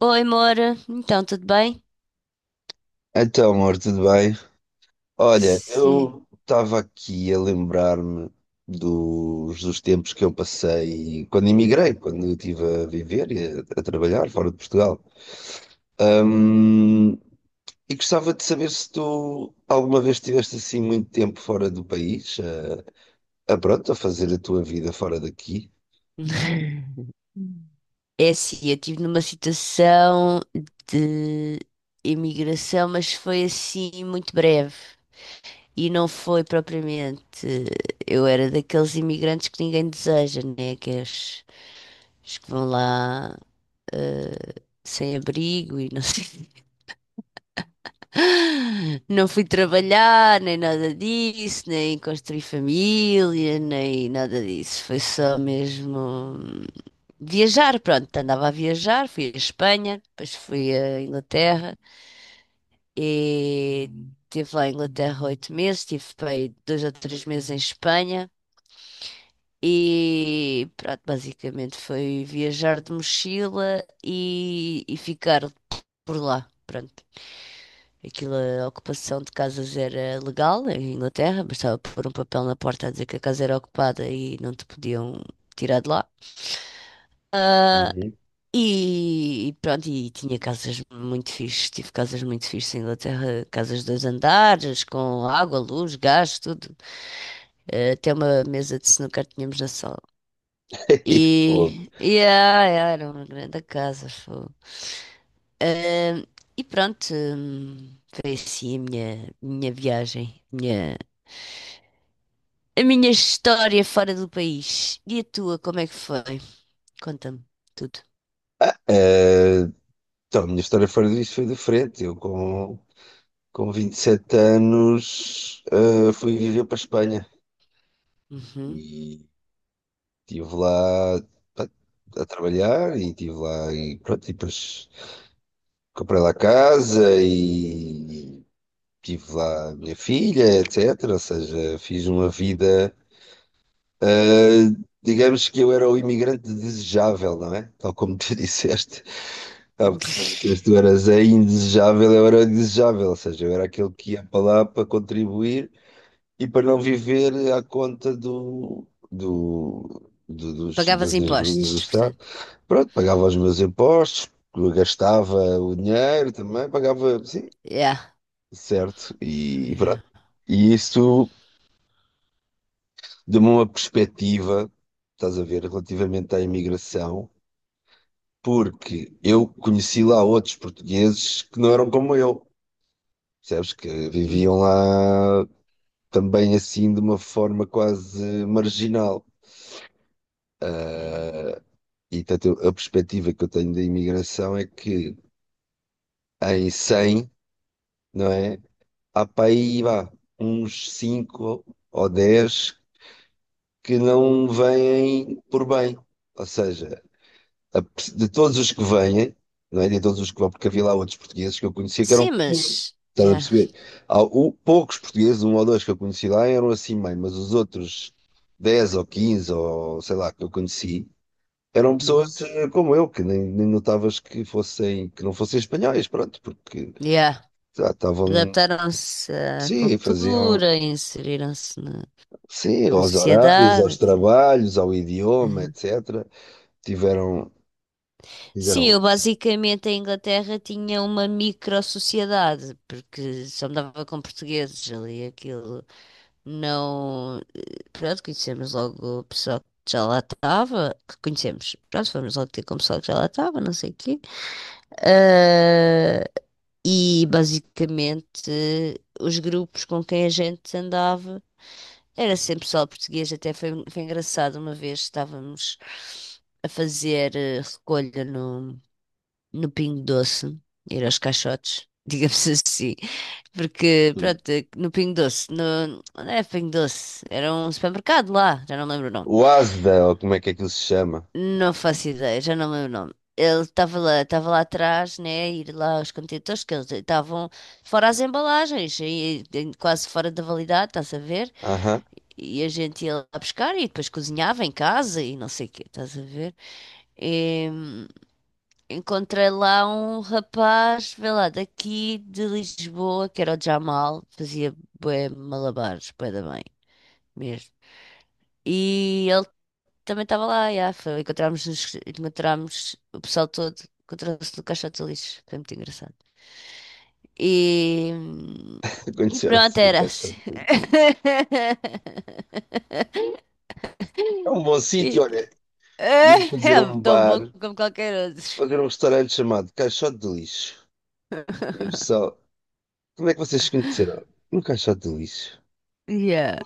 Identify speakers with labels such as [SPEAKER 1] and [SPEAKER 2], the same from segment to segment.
[SPEAKER 1] Oi, Moura. Então, tudo bem?
[SPEAKER 2] Então, amor, tudo bem? Olha,
[SPEAKER 1] Sim.
[SPEAKER 2] eu estava aqui a lembrar-me dos tempos que eu passei quando emigrei, quando eu estive a viver e a trabalhar fora de Portugal. Hum, e gostava de saber se tu alguma vez estiveste assim muito tempo fora do país, a pronto, a fazer a tua vida fora daqui.
[SPEAKER 1] É assim, eu estive numa situação de imigração, mas foi assim muito breve. E não foi propriamente. Eu era daqueles imigrantes que ninguém deseja, né? Que é os que vão lá sem abrigo e não sei. Não fui trabalhar, nem nada disso, nem construí família, nem nada disso. Foi só mesmo viajar, pronto. Andava a viajar, fui à Espanha, depois fui à Inglaterra e estive lá em Inglaterra oito meses, estive para aí dois ou três meses em Espanha e pronto, basicamente foi viajar de mochila e ficar por lá, pronto. Aquilo, a ocupação de casas era legal em Inglaterra, bastava pôr um papel na porta a dizer que a casa era ocupada e não te podiam tirar de lá.
[SPEAKER 2] Uhum.
[SPEAKER 1] E pronto, e tinha casas muito fixes, tive casas muito fixes em Inglaterra, casas de dois andares, com água, luz, gás, tudo. Até uma mesa de snooker tínhamos na sala.
[SPEAKER 2] Pô.
[SPEAKER 1] Era uma grande casa, fogo. Eh, foi assim a minha viagem, minha a minha história fora do país. E a tua, como é que foi? Conta-me tudo.
[SPEAKER 2] Ah, então, a minha história fora disso foi diferente. Eu com 27 anos, fui viver para a Espanha
[SPEAKER 1] Uhum.
[SPEAKER 2] e estive lá, pá, a trabalhar e estive lá e pronto, e depois comprei lá casa e tive lá a minha filha, etc. Ou seja, fiz uma vida, ah, digamos que eu era o imigrante desejável, não é? Tal como tu disseste. Há bocado disseste, tu eras a indesejável, eu era o desejável, ou seja, eu era aquele que ia para lá para contribuir e para não viver à conta
[SPEAKER 1] Pagavas
[SPEAKER 2] das ajudas do
[SPEAKER 1] impostos,
[SPEAKER 2] Estado.
[SPEAKER 1] portanto.
[SPEAKER 2] Pronto, pagava os meus impostos, gastava o dinheiro também, pagava, sim,
[SPEAKER 1] Yeah.
[SPEAKER 2] certo, e
[SPEAKER 1] Yeah.
[SPEAKER 2] pronto. E isso deu-me uma perspectiva, estás a ver, relativamente à imigração, porque eu conheci lá outros portugueses que não eram como eu, percebes? Que
[SPEAKER 1] Hum.
[SPEAKER 2] viviam lá também assim de uma forma quase marginal.
[SPEAKER 1] Hum.
[SPEAKER 2] E portanto, a perspectiva que eu tenho da imigração é que em cem, não é? Há para aí, vá, uns 5 ou 10 que não vêm por bem. Ou seja, de todos os que vêm, não é? De todos os que vão, porque havia lá outros portugueses que eu conhecia que
[SPEAKER 1] Sim,
[SPEAKER 2] eram ruins.
[SPEAKER 1] mas.
[SPEAKER 2] Estás a
[SPEAKER 1] Já.
[SPEAKER 2] perceber? Há poucos portugueses, um ou dois que eu conheci lá, eram assim meio, mas os outros 10 ou 15 ou sei lá que eu conheci eram
[SPEAKER 1] Uhum.
[SPEAKER 2] pessoas, como eu, que nem notavas que fossem, que não fossem espanhóis, pronto, porque
[SPEAKER 1] Yeah.
[SPEAKER 2] já estavam,
[SPEAKER 1] Adaptaram-se à
[SPEAKER 2] sim, faziam,
[SPEAKER 1] cultura, inseriram-se na,
[SPEAKER 2] sim,
[SPEAKER 1] na
[SPEAKER 2] aos horários,
[SPEAKER 1] sociedade,
[SPEAKER 2] aos
[SPEAKER 1] etc.
[SPEAKER 2] trabalhos, ao idioma,
[SPEAKER 1] Uhum.
[SPEAKER 2] etc. Tiveram,
[SPEAKER 1] Sim,
[SPEAKER 2] fizeram
[SPEAKER 1] eu
[SPEAKER 2] isso.
[SPEAKER 1] basicamente em Inglaterra tinha uma micro-sociedade, porque só me dava com portugueses ali, aquilo. Não. Pronto, conhecemos logo o pessoal que já lá estava. Que conhecemos. Pronto, fomos logo ter com o pessoal que já lá estava, não sei o quê. Ah, e basicamente os grupos com quem a gente andava era sempre pessoal português. Até foi engraçado uma vez estávamos a fazer recolha no Pingo Doce, ir aos caixotes, digamos assim, porque,
[SPEAKER 2] Hum.
[SPEAKER 1] pronto, no Pingo Doce, no, não é Pingo Doce? Era um supermercado lá, já não lembro o nome.
[SPEAKER 2] O ASDA, ou como é que ele se chama?
[SPEAKER 1] Não faço ideia, já não lembro o nome. Ele estava lá atrás, né, a ir lá aos contentores, que eles estavam fora as embalagens, e quase fora da validade, estás a ver?
[SPEAKER 2] Aham.
[SPEAKER 1] E a gente ia lá buscar e depois cozinhava em casa e não sei o quê, estás a ver? Encontrei lá um rapaz, vê lá, daqui de Lisboa, que era o Jamal, fazia bué malabares, bué da bem, mesmo. E ele também estava lá, encontramos, encontramos o pessoal todo, encontrou-se no caixote de lixo, foi muito engraçado. E, e pronto,
[SPEAKER 2] Conheceram-se no
[SPEAKER 1] era assim.
[SPEAKER 2] Caixote de Lixo. É um bom sítio,
[SPEAKER 1] E-
[SPEAKER 2] olha,
[SPEAKER 1] é
[SPEAKER 2] íamos fazer um
[SPEAKER 1] tão
[SPEAKER 2] bar,
[SPEAKER 1] bom como qualquer outro.
[SPEAKER 2] fazer um restaurante chamado Caixote de Lixo. E o pessoal, como é que vocês se conheceram? No Caixote de Lixo.
[SPEAKER 1] Yeah.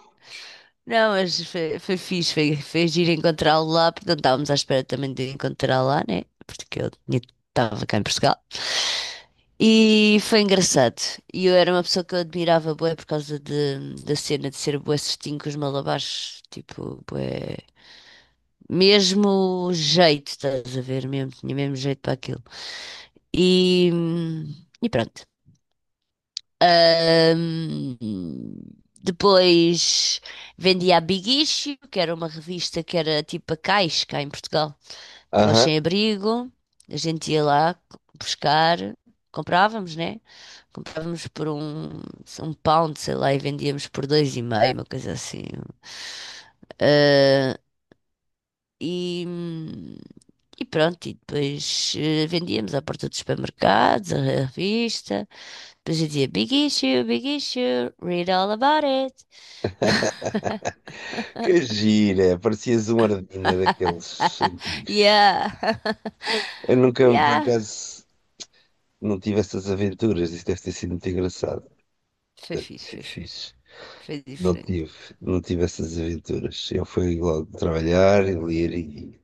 [SPEAKER 1] Não, mas foi fixe, foi giro encontrá-lo lá, porque não estávamos à espera também de encontrá-lo lá, né? Porque estava cá em Portugal. E foi engraçado. E eu era uma pessoa que eu admirava bué por causa da cena de ser bué certinho com os malabares. Tipo, bué... Mesmo jeito, estás a ver? Mesmo, tinha mesmo jeito para aquilo. E, hum, e pronto. Ahm, depois vendia a Big Issue, que era uma revista que era tipo a Caixa, cá em Portugal, para os
[SPEAKER 2] Aham.
[SPEAKER 1] sem-abrigo. A gente ia lá buscar, comprávamos, né? Comprávamos por um, um pound, sei lá, e vendíamos por dois e meio, uma coisa assim. Ah, e, hum, e pronto, e depois vendíamos à porta dos supermercados, a revista. Depois eu dizia Big Issue, Big Issue, read all about it.
[SPEAKER 2] Que gira, parecias um Ardina daqueles antigos.
[SPEAKER 1] Yeah,
[SPEAKER 2] Eu nunca, por
[SPEAKER 1] yeah.
[SPEAKER 2] acaso, não tive essas aventuras. Isso deve ter sido muito engraçado.
[SPEAKER 1] Foi
[SPEAKER 2] Deve
[SPEAKER 1] fixe,
[SPEAKER 2] sido
[SPEAKER 1] foi fixe.
[SPEAKER 2] fixe.
[SPEAKER 1] Foi
[SPEAKER 2] Não
[SPEAKER 1] diferente.
[SPEAKER 2] tive, não tive essas aventuras. Eu fui logo trabalhar, ler e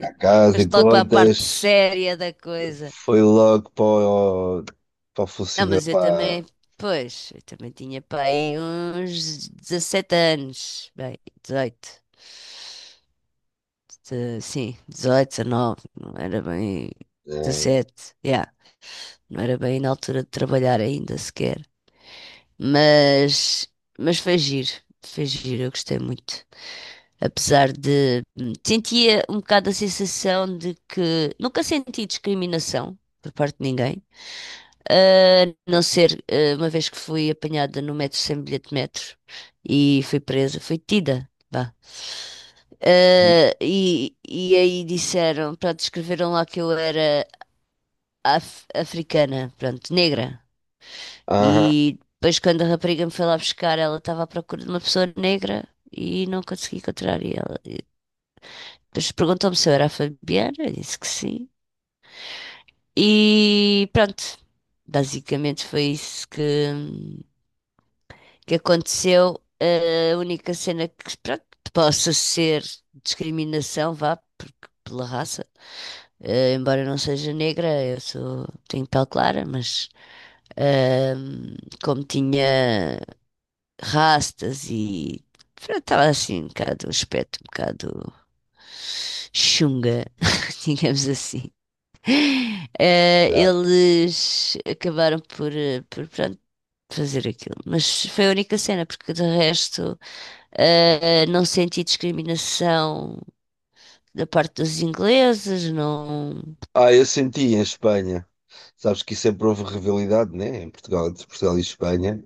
[SPEAKER 2] à casa, em
[SPEAKER 1] Foste logo para a parte
[SPEAKER 2] contas.
[SPEAKER 1] séria da coisa.
[SPEAKER 2] Foi logo para o
[SPEAKER 1] Não,
[SPEAKER 2] funcionário.
[SPEAKER 1] mas eu
[SPEAKER 2] Para...
[SPEAKER 1] também, pois, eu também tinha para aí uns 17 anos. Sim, 18 19 não era bem
[SPEAKER 2] Uhum.
[SPEAKER 1] 17. Não era bem na altura de trabalhar ainda sequer. Mas, mas foi giro, eu gostei muito. Apesar de sentia um bocado a sensação de que nunca senti discriminação por parte de ninguém. A não ser uma vez que fui apanhada no metro sem bilhete de metro e fui presa, fui tida. Vá. E aí disseram, pronto, escreveram lá que eu era africana, pronto, negra.
[SPEAKER 2] Aham,
[SPEAKER 1] E depois, quando a rapariga me foi lá buscar, ela estava à procura de uma pessoa negra e não consegui encontrar. E ela e depois perguntou-me se eu era a Fabiana, eu disse que sim. E pronto, basicamente foi isso que aconteceu. A única cena que, pronto, possa ser discriminação, vá, porque, pela raça. Embora eu não seja negra, tenho pele clara, mas. Ahm, como tinha rastas e estava assim um bocado, um aspecto um bocado chunga, digamos assim.
[SPEAKER 2] exato.
[SPEAKER 1] Eles acabaram por pronto, fazer aquilo, mas foi a única cena, porque de resto não senti discriminação da parte dos ingleses, não.
[SPEAKER 2] Ah, eu senti em Espanha. Sabes que sempre houve rivalidade, né? Em Portugal, entre Portugal e Espanha.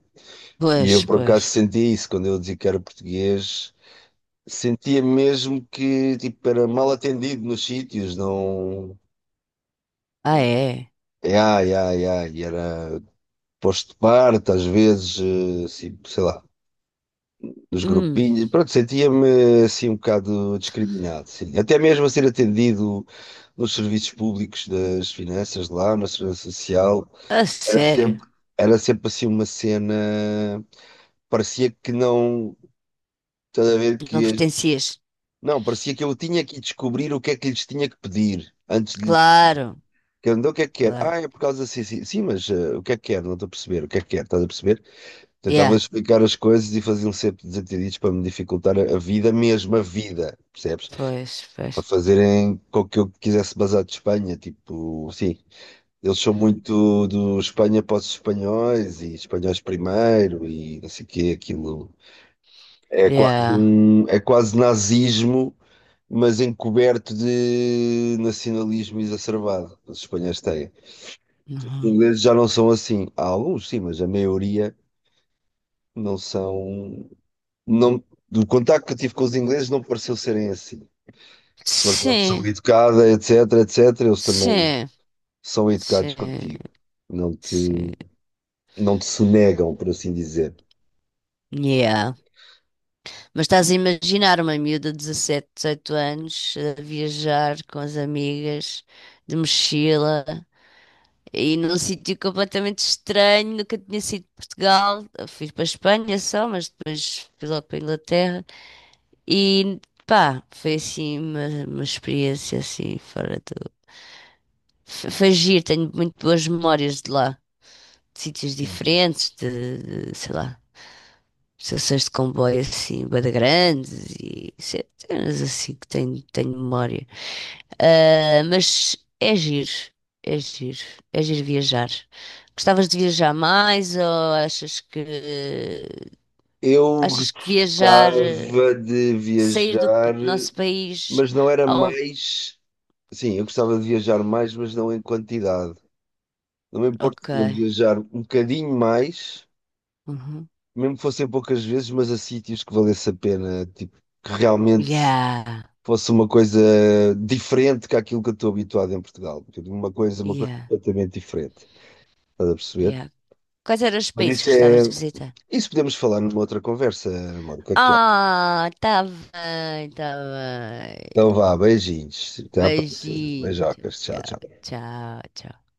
[SPEAKER 2] E
[SPEAKER 1] Pois,
[SPEAKER 2] eu por
[SPEAKER 1] pois.
[SPEAKER 2] acaso sentia isso quando eu dizia que era português, sentia mesmo que, tipo, era mal atendido nos sítios, não.
[SPEAKER 1] Ah, é?
[SPEAKER 2] É. Ai, ai, ai, e era posto de parte, às vezes, assim, sei lá, nos
[SPEAKER 1] Hum,
[SPEAKER 2] grupinhos, pronto, sentia-me assim um bocado discriminado, sim. Até mesmo a ser atendido nos serviços públicos, das finanças lá, na segurança social,
[SPEAKER 1] a
[SPEAKER 2] era
[SPEAKER 1] sério?
[SPEAKER 2] sempre, era sempre assim uma cena, parecia que não, estás a ver
[SPEAKER 1] Não
[SPEAKER 2] que
[SPEAKER 1] pertencias?
[SPEAKER 2] não, parecia que eu tinha que descobrir o que é que lhes tinha que pedir antes de lhes
[SPEAKER 1] Claro,
[SPEAKER 2] perguntar: o que é que quer?
[SPEAKER 1] claro.
[SPEAKER 2] Ah, é por causa assim, sim, sim, mas, o que é que quer? Não estou a perceber. O que é que quer? Estás a perceber? Tentava
[SPEAKER 1] Yeah,
[SPEAKER 2] explicar as coisas e faziam sempre desentendidos para me dificultar a vida, mesmo a vida, percebes?
[SPEAKER 1] pois,
[SPEAKER 2] Para
[SPEAKER 1] pois.
[SPEAKER 2] fazerem com que eu quisesse basar de Espanha, tipo, sim. Eles são muito do Espanha para os espanhóis, e espanhóis primeiro e não sei o quê, aquilo. É quase
[SPEAKER 1] Yeah.
[SPEAKER 2] um, é quase nazismo, mas encoberto de nacionalismo exacerbado. Os espanhóis têm. Os
[SPEAKER 1] Uhum.
[SPEAKER 2] ingleses já não são assim. Há alguns, sim, mas a maioria não são. Não, do contacto que eu tive com os ingleses, não pareceu serem assim. Que se for uma pessoa
[SPEAKER 1] Sim,
[SPEAKER 2] educada, etc, etc, eles também
[SPEAKER 1] sim,
[SPEAKER 2] são educados
[SPEAKER 1] sim,
[SPEAKER 2] contigo. Não te,
[SPEAKER 1] sim.
[SPEAKER 2] não te sonegam, por assim dizer.
[SPEAKER 1] Yeah. Mas estás a imaginar uma miúda de 17, 18 anos a viajar com as amigas de mochila e num sítio completamente estranho, nunca tinha sido de Portugal. Eu fui para a Espanha só, mas depois fui logo para a Inglaterra. E pá, foi assim uma experiência assim fora do. Foi giro, tenho muito boas memórias de lá. De sítios
[SPEAKER 2] Uhum.
[SPEAKER 1] diferentes, sei lá, estações de comboio assim, bué de grandes e cenas assim que tenho memória. Ah, mas é giro, é giro, é giro viajar. Gostavas de viajar mais ou achas que
[SPEAKER 2] Eu
[SPEAKER 1] viajar,
[SPEAKER 2] gostava de
[SPEAKER 1] sair
[SPEAKER 2] viajar,
[SPEAKER 1] nosso país
[SPEAKER 2] mas não era
[SPEAKER 1] ao...
[SPEAKER 2] mais. Sim, eu gostava de viajar mais, mas não em quantidade. Não me
[SPEAKER 1] Ok.
[SPEAKER 2] importava de viajar um bocadinho mais,
[SPEAKER 1] Uhum.
[SPEAKER 2] mesmo que fossem poucas vezes, mas a sítios que valesse a pena, tipo, que realmente
[SPEAKER 1] Yeah,
[SPEAKER 2] fosse uma coisa diferente que aquilo que eu estou habituado em Portugal. Tipo, uma coisa
[SPEAKER 1] yeah,
[SPEAKER 2] completamente diferente. Estás a perceber?
[SPEAKER 1] yeah. Quais eram os
[SPEAKER 2] Mas
[SPEAKER 1] países que
[SPEAKER 2] isso é...
[SPEAKER 1] gostavas de visitar?
[SPEAKER 2] Isso podemos falar numa outra conversa, amor. O que é que tu achas?
[SPEAKER 1] Ah, tá bem, tá bem.
[SPEAKER 2] Então vá, beijinhos. Até à próxima.
[SPEAKER 1] Beijinho,
[SPEAKER 2] Beijocas. Tchau,
[SPEAKER 1] tchau,
[SPEAKER 2] tchau.
[SPEAKER 1] tchau, tchau.